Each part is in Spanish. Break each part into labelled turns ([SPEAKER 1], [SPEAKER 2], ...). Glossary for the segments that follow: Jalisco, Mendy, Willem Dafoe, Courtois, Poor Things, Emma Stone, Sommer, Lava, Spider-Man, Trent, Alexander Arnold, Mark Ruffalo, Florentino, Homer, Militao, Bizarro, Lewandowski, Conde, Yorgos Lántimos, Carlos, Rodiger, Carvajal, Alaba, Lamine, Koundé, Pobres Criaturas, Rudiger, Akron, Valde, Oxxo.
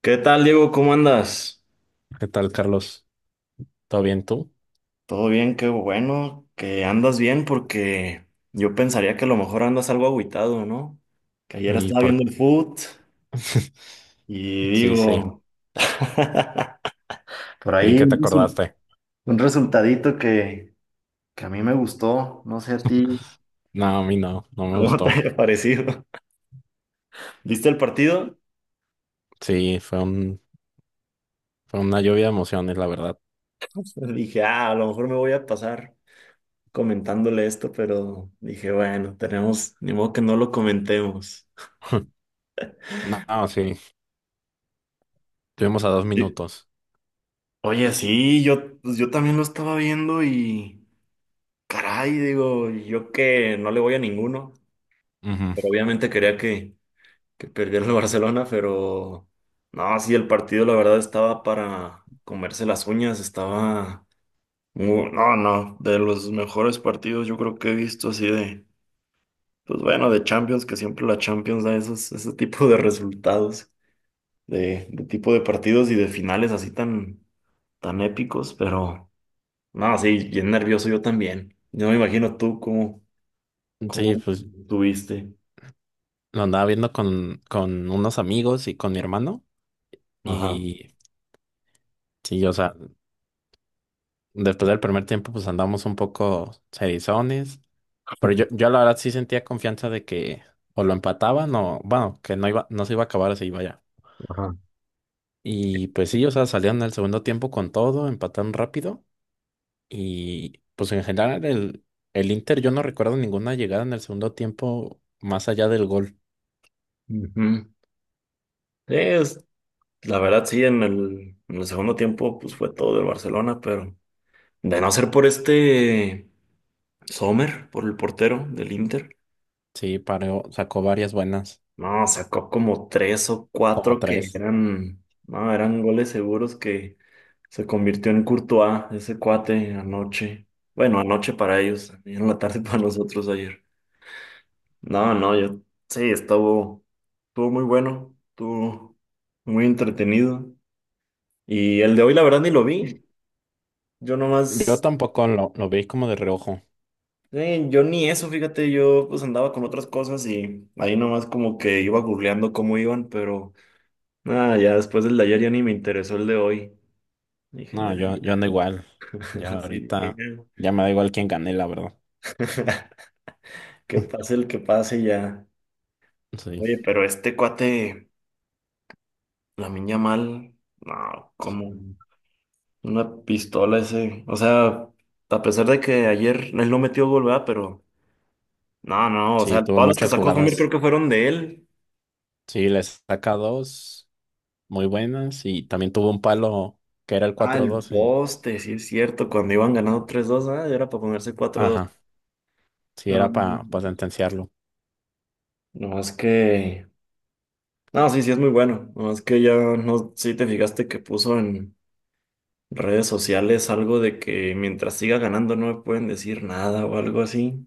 [SPEAKER 1] ¿Qué tal, Diego? ¿Cómo andas?
[SPEAKER 2] ¿Qué tal, Carlos? ¿Todo bien tú?
[SPEAKER 1] Todo bien, qué bueno que andas bien porque yo pensaría que a lo mejor andas algo agüitado, ¿no? Que ayer
[SPEAKER 2] Y
[SPEAKER 1] estaba
[SPEAKER 2] por...
[SPEAKER 1] viendo el foot y
[SPEAKER 2] Sí, sí,
[SPEAKER 1] digo, por
[SPEAKER 2] bien
[SPEAKER 1] ahí
[SPEAKER 2] que te acordaste.
[SPEAKER 1] un resultadito que a mí me gustó, no sé a ti,
[SPEAKER 2] No, a mí no, no me
[SPEAKER 1] ¿cómo te
[SPEAKER 2] gustó.
[SPEAKER 1] haya parecido? ¿Viste el partido?
[SPEAKER 2] Sí, fue una lluvia de emociones, la verdad.
[SPEAKER 1] Dije, ah, a lo mejor me voy a pasar comentándole esto, pero dije, bueno, tenemos, ni modo que no lo comentemos.
[SPEAKER 2] No, sí, estuvimos a 2 minutos.
[SPEAKER 1] Oye, sí, yo, pues yo también lo estaba viendo y caray, digo, yo que no le voy a ninguno, pero obviamente quería que, perdiera el Barcelona, pero no, sí, el partido la verdad estaba para comerse las uñas, estaba, no, no, de los mejores partidos yo creo que he visto así de, pues bueno, de Champions, que siempre la Champions da esos, ese tipo de resultados, de tipo de partidos y de finales así tan, tan épicos, pero... No, sí, bien nervioso yo también. Yo me imagino tú cómo,
[SPEAKER 2] Ujú. Sí,
[SPEAKER 1] cómo
[SPEAKER 2] pues
[SPEAKER 1] tuviste.
[SPEAKER 2] lo andaba viendo con unos amigos y con mi hermano.
[SPEAKER 1] Ajá,
[SPEAKER 2] Y sí, o sea, después del primer tiempo, pues andamos un poco serizones. Pero yo la verdad sí sentía confianza de que o lo empataban o, bueno, que no se iba a acabar así, vaya.
[SPEAKER 1] ajá.
[SPEAKER 2] Y pues sí, o sea, salieron al segundo tiempo con todo, empataron rápido. Y pues en general el Inter, yo no recuerdo ninguna llegada en el segundo tiempo más allá del gol.
[SPEAKER 1] Ujú. Sí, la verdad sí, en el, segundo tiempo pues fue todo del Barcelona, pero de no ser por este Sommer, por el portero del Inter,
[SPEAKER 2] Sí, paró, sacó varias buenas,
[SPEAKER 1] no, sacó como tres o
[SPEAKER 2] como
[SPEAKER 1] cuatro que
[SPEAKER 2] tres.
[SPEAKER 1] eran, no, eran goles seguros que se convirtió en Courtois, ese cuate anoche. Bueno, anoche para ellos, en la tarde para nosotros ayer. No, no, yo sí, estuvo muy bueno, estuvo muy entretenido. Y el de hoy, la verdad, ni lo vi. Yo
[SPEAKER 2] Yo
[SPEAKER 1] nomás,
[SPEAKER 2] tampoco lo vi como de reojo.
[SPEAKER 1] yo ni eso, fíjate, yo pues andaba con otras cosas y ahí nomás como que iba googleando cómo iban, pero nada, ya después del de ayer ya ni me interesó el de hoy. Dije,
[SPEAKER 2] No,
[SPEAKER 1] nada,
[SPEAKER 2] yo,
[SPEAKER 1] ya,
[SPEAKER 2] yo ando igual. Ya
[SPEAKER 1] así dije,
[SPEAKER 2] ahorita,
[SPEAKER 1] ya.
[SPEAKER 2] ya me da igual quién gané, la verdad.
[SPEAKER 1] Que pase el que pase ya.
[SPEAKER 2] Sí.
[SPEAKER 1] Oye, pero este cuate, la Lamine mal, no, ¿cómo? Una pistola ese. O sea, a pesar de que ayer él no metió gol, ¿verdad? Pero no, no, o
[SPEAKER 2] Sí,
[SPEAKER 1] sea,
[SPEAKER 2] tuvo
[SPEAKER 1] todas las que
[SPEAKER 2] muchas
[SPEAKER 1] sacó Homer creo
[SPEAKER 2] jugadas.
[SPEAKER 1] que fueron de él.
[SPEAKER 2] Sí, les saca dos muy buenas y también tuvo un palo que era el
[SPEAKER 1] Ah,
[SPEAKER 2] cuatro
[SPEAKER 1] el
[SPEAKER 2] dos en...
[SPEAKER 1] poste, sí es cierto, cuando iban ganando 3-2, ah, era para ponerse cuatro 2.
[SPEAKER 2] Ajá. Sí,
[SPEAKER 1] No, no,
[SPEAKER 2] era para
[SPEAKER 1] no,
[SPEAKER 2] sentenciarlo.
[SPEAKER 1] no, es que... No, sí, sí es muy bueno. No, es que ya no, sí te fijaste que puso en redes sociales algo de que mientras siga ganando no me pueden decir nada o algo así.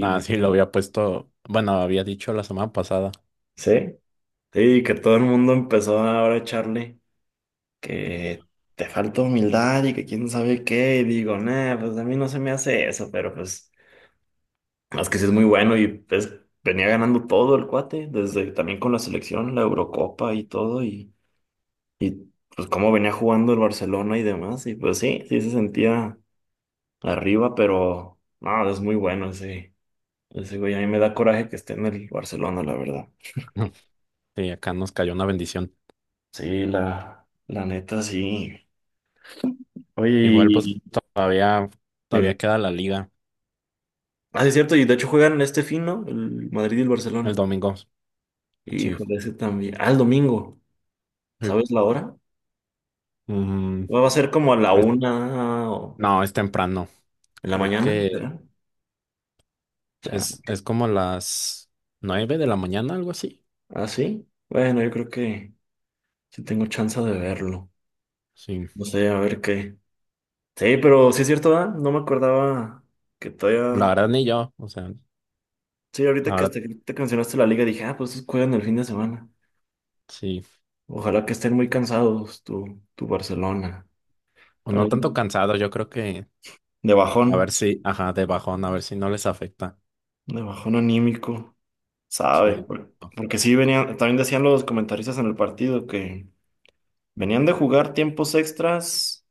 [SPEAKER 2] Ah, sí, lo había puesto, bueno, había dicho la semana pasada.
[SPEAKER 1] sí, sí, que todo el mundo empezó ahora a echarle. Que te falta humildad y que quién sabe qué, y digo, nah, pues a mí no se me hace eso, pero pues más que sí es muy bueno y pues venía ganando todo el cuate, desde también con la selección, la Eurocopa y todo, y, pues cómo venía jugando el Barcelona y demás, y pues sí, sí se sentía arriba, pero no, es muy bueno ese güey, a mí me da coraje que esté en el Barcelona, la verdad.
[SPEAKER 2] y acá nos cayó una bendición.
[SPEAKER 1] Sí, la neta, sí. Oye,
[SPEAKER 2] Igual, pues todavía, todavía queda la liga
[SPEAKER 1] ah, sí, es cierto, y de hecho juegan este fin, ¿no? El Madrid y el
[SPEAKER 2] el
[SPEAKER 1] Barcelona.
[SPEAKER 2] domingo. Sí,
[SPEAKER 1] Híjole, ese también. Ah, el domingo.
[SPEAKER 2] sí.
[SPEAKER 1] ¿Sabes la hora?
[SPEAKER 2] Mm,
[SPEAKER 1] ¿Va a ser como a la
[SPEAKER 2] es-
[SPEAKER 1] una o
[SPEAKER 2] no, es temprano.
[SPEAKER 1] en la
[SPEAKER 2] Creo
[SPEAKER 1] mañana,
[SPEAKER 2] que
[SPEAKER 1] verdad? Ya.
[SPEAKER 2] es como las 9 de la mañana, algo así.
[SPEAKER 1] ¿Ah, sí? Bueno, yo creo que sí tengo chance de verlo.
[SPEAKER 2] Sí,
[SPEAKER 1] No sé, a ver qué. Sí, pero sí es cierto, ¿verdad? No me acordaba que
[SPEAKER 2] la
[SPEAKER 1] todavía.
[SPEAKER 2] verdad ni yo, o sea,
[SPEAKER 1] Sí, ahorita
[SPEAKER 2] la
[SPEAKER 1] que
[SPEAKER 2] verdad,
[SPEAKER 1] hasta que te mencionaste la liga, dije, ah, pues estos juegan el fin de semana.
[SPEAKER 2] sí.
[SPEAKER 1] Ojalá que estén muy cansados, tu, Barcelona.
[SPEAKER 2] O no
[SPEAKER 1] Para ir
[SPEAKER 2] tanto cansado, yo creo que
[SPEAKER 1] de
[SPEAKER 2] a ver
[SPEAKER 1] bajón,
[SPEAKER 2] si, ajá, de bajón, a ver si no les afecta.
[SPEAKER 1] de bajón anímico. ¿Sabe?
[SPEAKER 2] Sí.
[SPEAKER 1] Porque sí venían, también decían los comentaristas en el partido que venían de jugar tiempos extras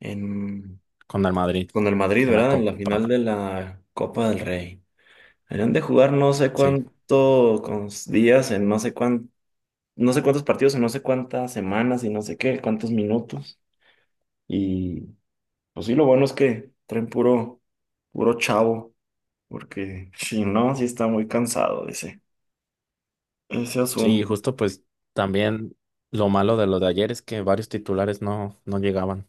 [SPEAKER 1] en,
[SPEAKER 2] Con el Madrid
[SPEAKER 1] con el Madrid,
[SPEAKER 2] en la
[SPEAKER 1] ¿verdad? En la
[SPEAKER 2] Copa.
[SPEAKER 1] final de la Copa del Rey. Venían de jugar no sé
[SPEAKER 2] Sí,
[SPEAKER 1] cuántos días, en no sé cuán, no sé cuántos partidos, en no sé cuántas semanas y no sé qué, cuántos minutos. Y pues sí, lo bueno es que traen puro, chavo, porque si no, sí está muy cansado ese
[SPEAKER 2] sí,
[SPEAKER 1] asunto
[SPEAKER 2] justo pues también lo malo de lo de ayer es que varios titulares no, no llegaban.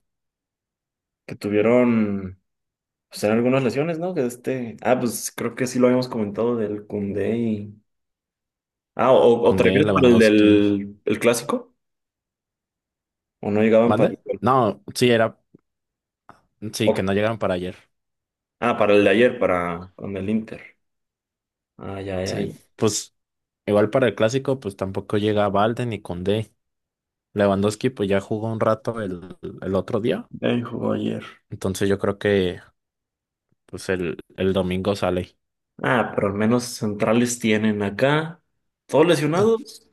[SPEAKER 1] que tuvieron. Pues eran algunas lesiones, ¿no? Que este. Ah, pues creo que sí lo habíamos comentado del Koundé y. Ah, o te
[SPEAKER 2] Conde,
[SPEAKER 1] refieres para el
[SPEAKER 2] Lewandowski.
[SPEAKER 1] del el clásico? ¿O no llegaban para el
[SPEAKER 2] ¿Mande?
[SPEAKER 1] gol?
[SPEAKER 2] No, sí, sí, que
[SPEAKER 1] o-
[SPEAKER 2] no llegaron para ayer.
[SPEAKER 1] Ah, para el de ayer, para con el Inter. Ah, ya, ya, ya.
[SPEAKER 2] Sí, pues igual para el clásico, pues tampoco llega Valde ni Conde. Lewandowski pues ya jugó un rato el otro día.
[SPEAKER 1] Ya jugó ayer.
[SPEAKER 2] Entonces yo creo que pues el domingo sale.
[SPEAKER 1] Ah, pero al menos centrales tienen acá. Todos lesionados.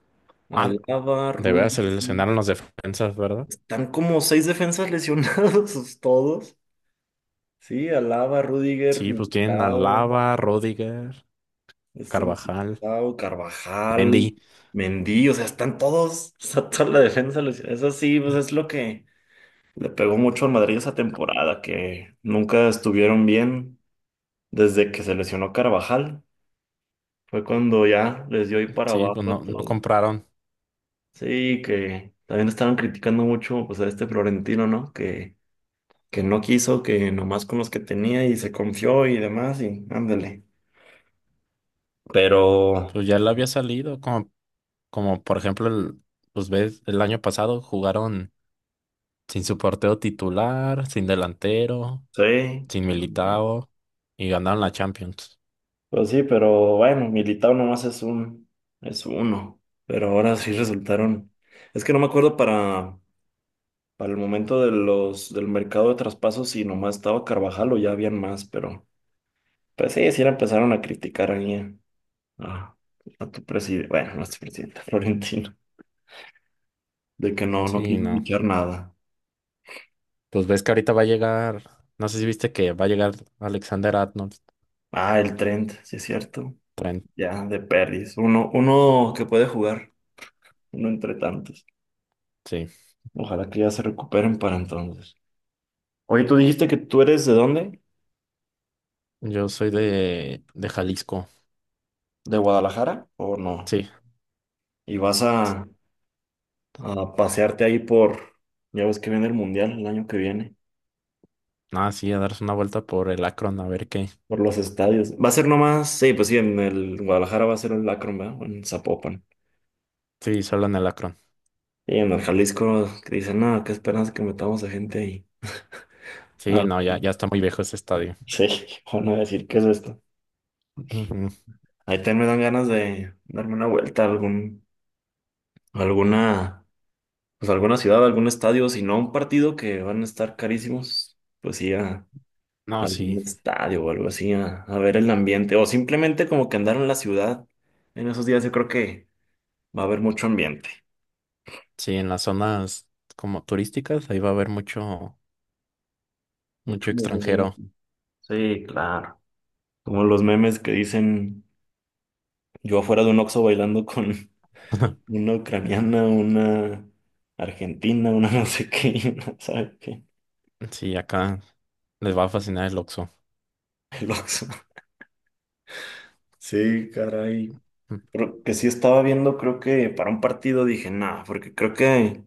[SPEAKER 2] Ah,
[SPEAKER 1] Alaba,
[SPEAKER 2] de veras se
[SPEAKER 1] Rudiger.
[SPEAKER 2] lesionaron los defensas, ¿verdad?
[SPEAKER 1] Están como seis defensas lesionados todos. Sí, Alaba, Rudiger,
[SPEAKER 2] Sí, pues tienen a
[SPEAKER 1] Militao.
[SPEAKER 2] Lava, Rodiger.
[SPEAKER 1] Este
[SPEAKER 2] Carvajal,
[SPEAKER 1] Militao, Carvajal,
[SPEAKER 2] Mendy.
[SPEAKER 1] Mendy, o sea, están todos, está toda la defensa. Luis. Eso sí, pues es lo que le pegó mucho al Madrid esa temporada, que nunca estuvieron bien desde que se lesionó Carvajal. Fue cuando ya les dio ahí para
[SPEAKER 2] Sí, pues
[SPEAKER 1] abajo a
[SPEAKER 2] no, no
[SPEAKER 1] todo.
[SPEAKER 2] compraron.
[SPEAKER 1] Sí, que también estaban criticando mucho pues a este Florentino, ¿no? Que no quiso, que nomás con los que tenía y se confió y demás, y ándale. Pero
[SPEAKER 2] Pues ya le había salido, como por ejemplo, el, pues ves, el año pasado jugaron sin su portero titular, sin delantero,
[SPEAKER 1] sí,
[SPEAKER 2] sin Militao y ganaron la Champions.
[SPEAKER 1] pues sí, pero bueno, Militao nomás es uno. Pero ahora sí resultaron. Es que no me acuerdo para, el momento del mercado de traspasos si nomás estaba Carvajal o ya habían más, pero pues sí, sí le empezaron a criticar ahí a- a tu presidente, bueno, no es tu presidente, Florentino, de que no
[SPEAKER 2] Sí,
[SPEAKER 1] quiso
[SPEAKER 2] no.
[SPEAKER 1] fichar nada.
[SPEAKER 2] Pues ves que ahorita va a llegar, no sé si viste que va a llegar Alexander Arnold,
[SPEAKER 1] Ah, el Trent, sí es cierto.
[SPEAKER 2] Trent.
[SPEAKER 1] Ya, de Peris, Uno que puede jugar, uno entre tantos.
[SPEAKER 2] Sí,
[SPEAKER 1] Ojalá que ya se recuperen para entonces. Oye, ¿tú dijiste que tú eres de dónde?
[SPEAKER 2] yo soy de Jalisco.
[SPEAKER 1] ¿De Guadalajara o no?
[SPEAKER 2] Sí,
[SPEAKER 1] Y vas a pasearte ahí por, ya ves que viene el Mundial el año que viene,
[SPEAKER 2] nada, sí, a darse una vuelta por el Akron, a ver qué.
[SPEAKER 1] por los estadios. Va a ser nomás, sí, pues sí, en el Guadalajara va a ser el Akron, ¿verdad? O en Zapopan.
[SPEAKER 2] Sí, solo en el Akron.
[SPEAKER 1] Y en el Jalisco que dicen, no, qué esperanza que metamos a gente ahí.
[SPEAKER 2] Sí,
[SPEAKER 1] Al-
[SPEAKER 2] no, ya, ya está muy viejo ese estadio.
[SPEAKER 1] sí, van a decir, ¿qué es esto?
[SPEAKER 2] Ujú.
[SPEAKER 1] Ahí también me dan ganas de darme una vuelta a algún, a alguna, pues a alguna ciudad, a algún estadio, si no a un partido que van a estar carísimos, pues sí, a
[SPEAKER 2] No,
[SPEAKER 1] algún
[SPEAKER 2] sí,
[SPEAKER 1] estadio o algo así a, ver el ambiente o simplemente como que andar en la ciudad. En esos días yo creo que va a haber mucho ambiente,
[SPEAKER 2] sí, en las zonas como turísticas, ahí va a haber mucho,
[SPEAKER 1] mucho
[SPEAKER 2] mucho extranjero.
[SPEAKER 1] movimiento. Sí, claro. Como los memes que dicen yo afuera de un Oxxo bailando con una ucraniana, una argentina, una no sé qué, y una, ¿sabe qué?
[SPEAKER 2] Sí, acá les va a fascinar el Oxxo.
[SPEAKER 1] El Oxxo. Sí, caray. Pero que sí estaba viendo, creo que para un partido dije, nada, porque creo que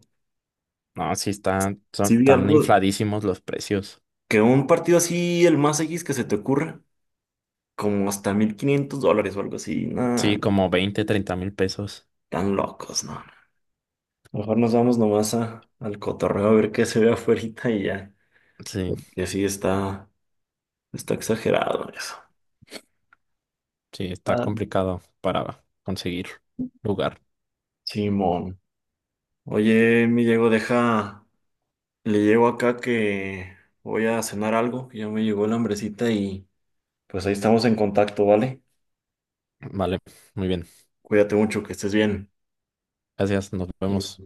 [SPEAKER 2] No, sí,
[SPEAKER 1] sí vi
[SPEAKER 2] están
[SPEAKER 1] algo,
[SPEAKER 2] infladísimos los precios.
[SPEAKER 1] que un partido así, el más X que se te ocurra, como hasta $1,500 o algo así. Nada,
[SPEAKER 2] Sí, como 20, 30 mil pesos.
[SPEAKER 1] tan locos, no. Mejor nos vamos nomás al cotorreo a ver qué se ve afuera y ya.
[SPEAKER 2] Sí,
[SPEAKER 1] Porque sí está exagerado eso.
[SPEAKER 2] sí, está
[SPEAKER 1] Ah.
[SPEAKER 2] complicado para conseguir lugar.
[SPEAKER 1] Simón. Oye, mi Diego, deja. Le llego acá que voy a cenar algo. Ya me llegó la hambrecita y pues ahí estamos en contacto, ¿vale?
[SPEAKER 2] Vale, muy bien.
[SPEAKER 1] Cuídate mucho, que estés bien.
[SPEAKER 2] Gracias, nos
[SPEAKER 1] Salud.
[SPEAKER 2] vemos.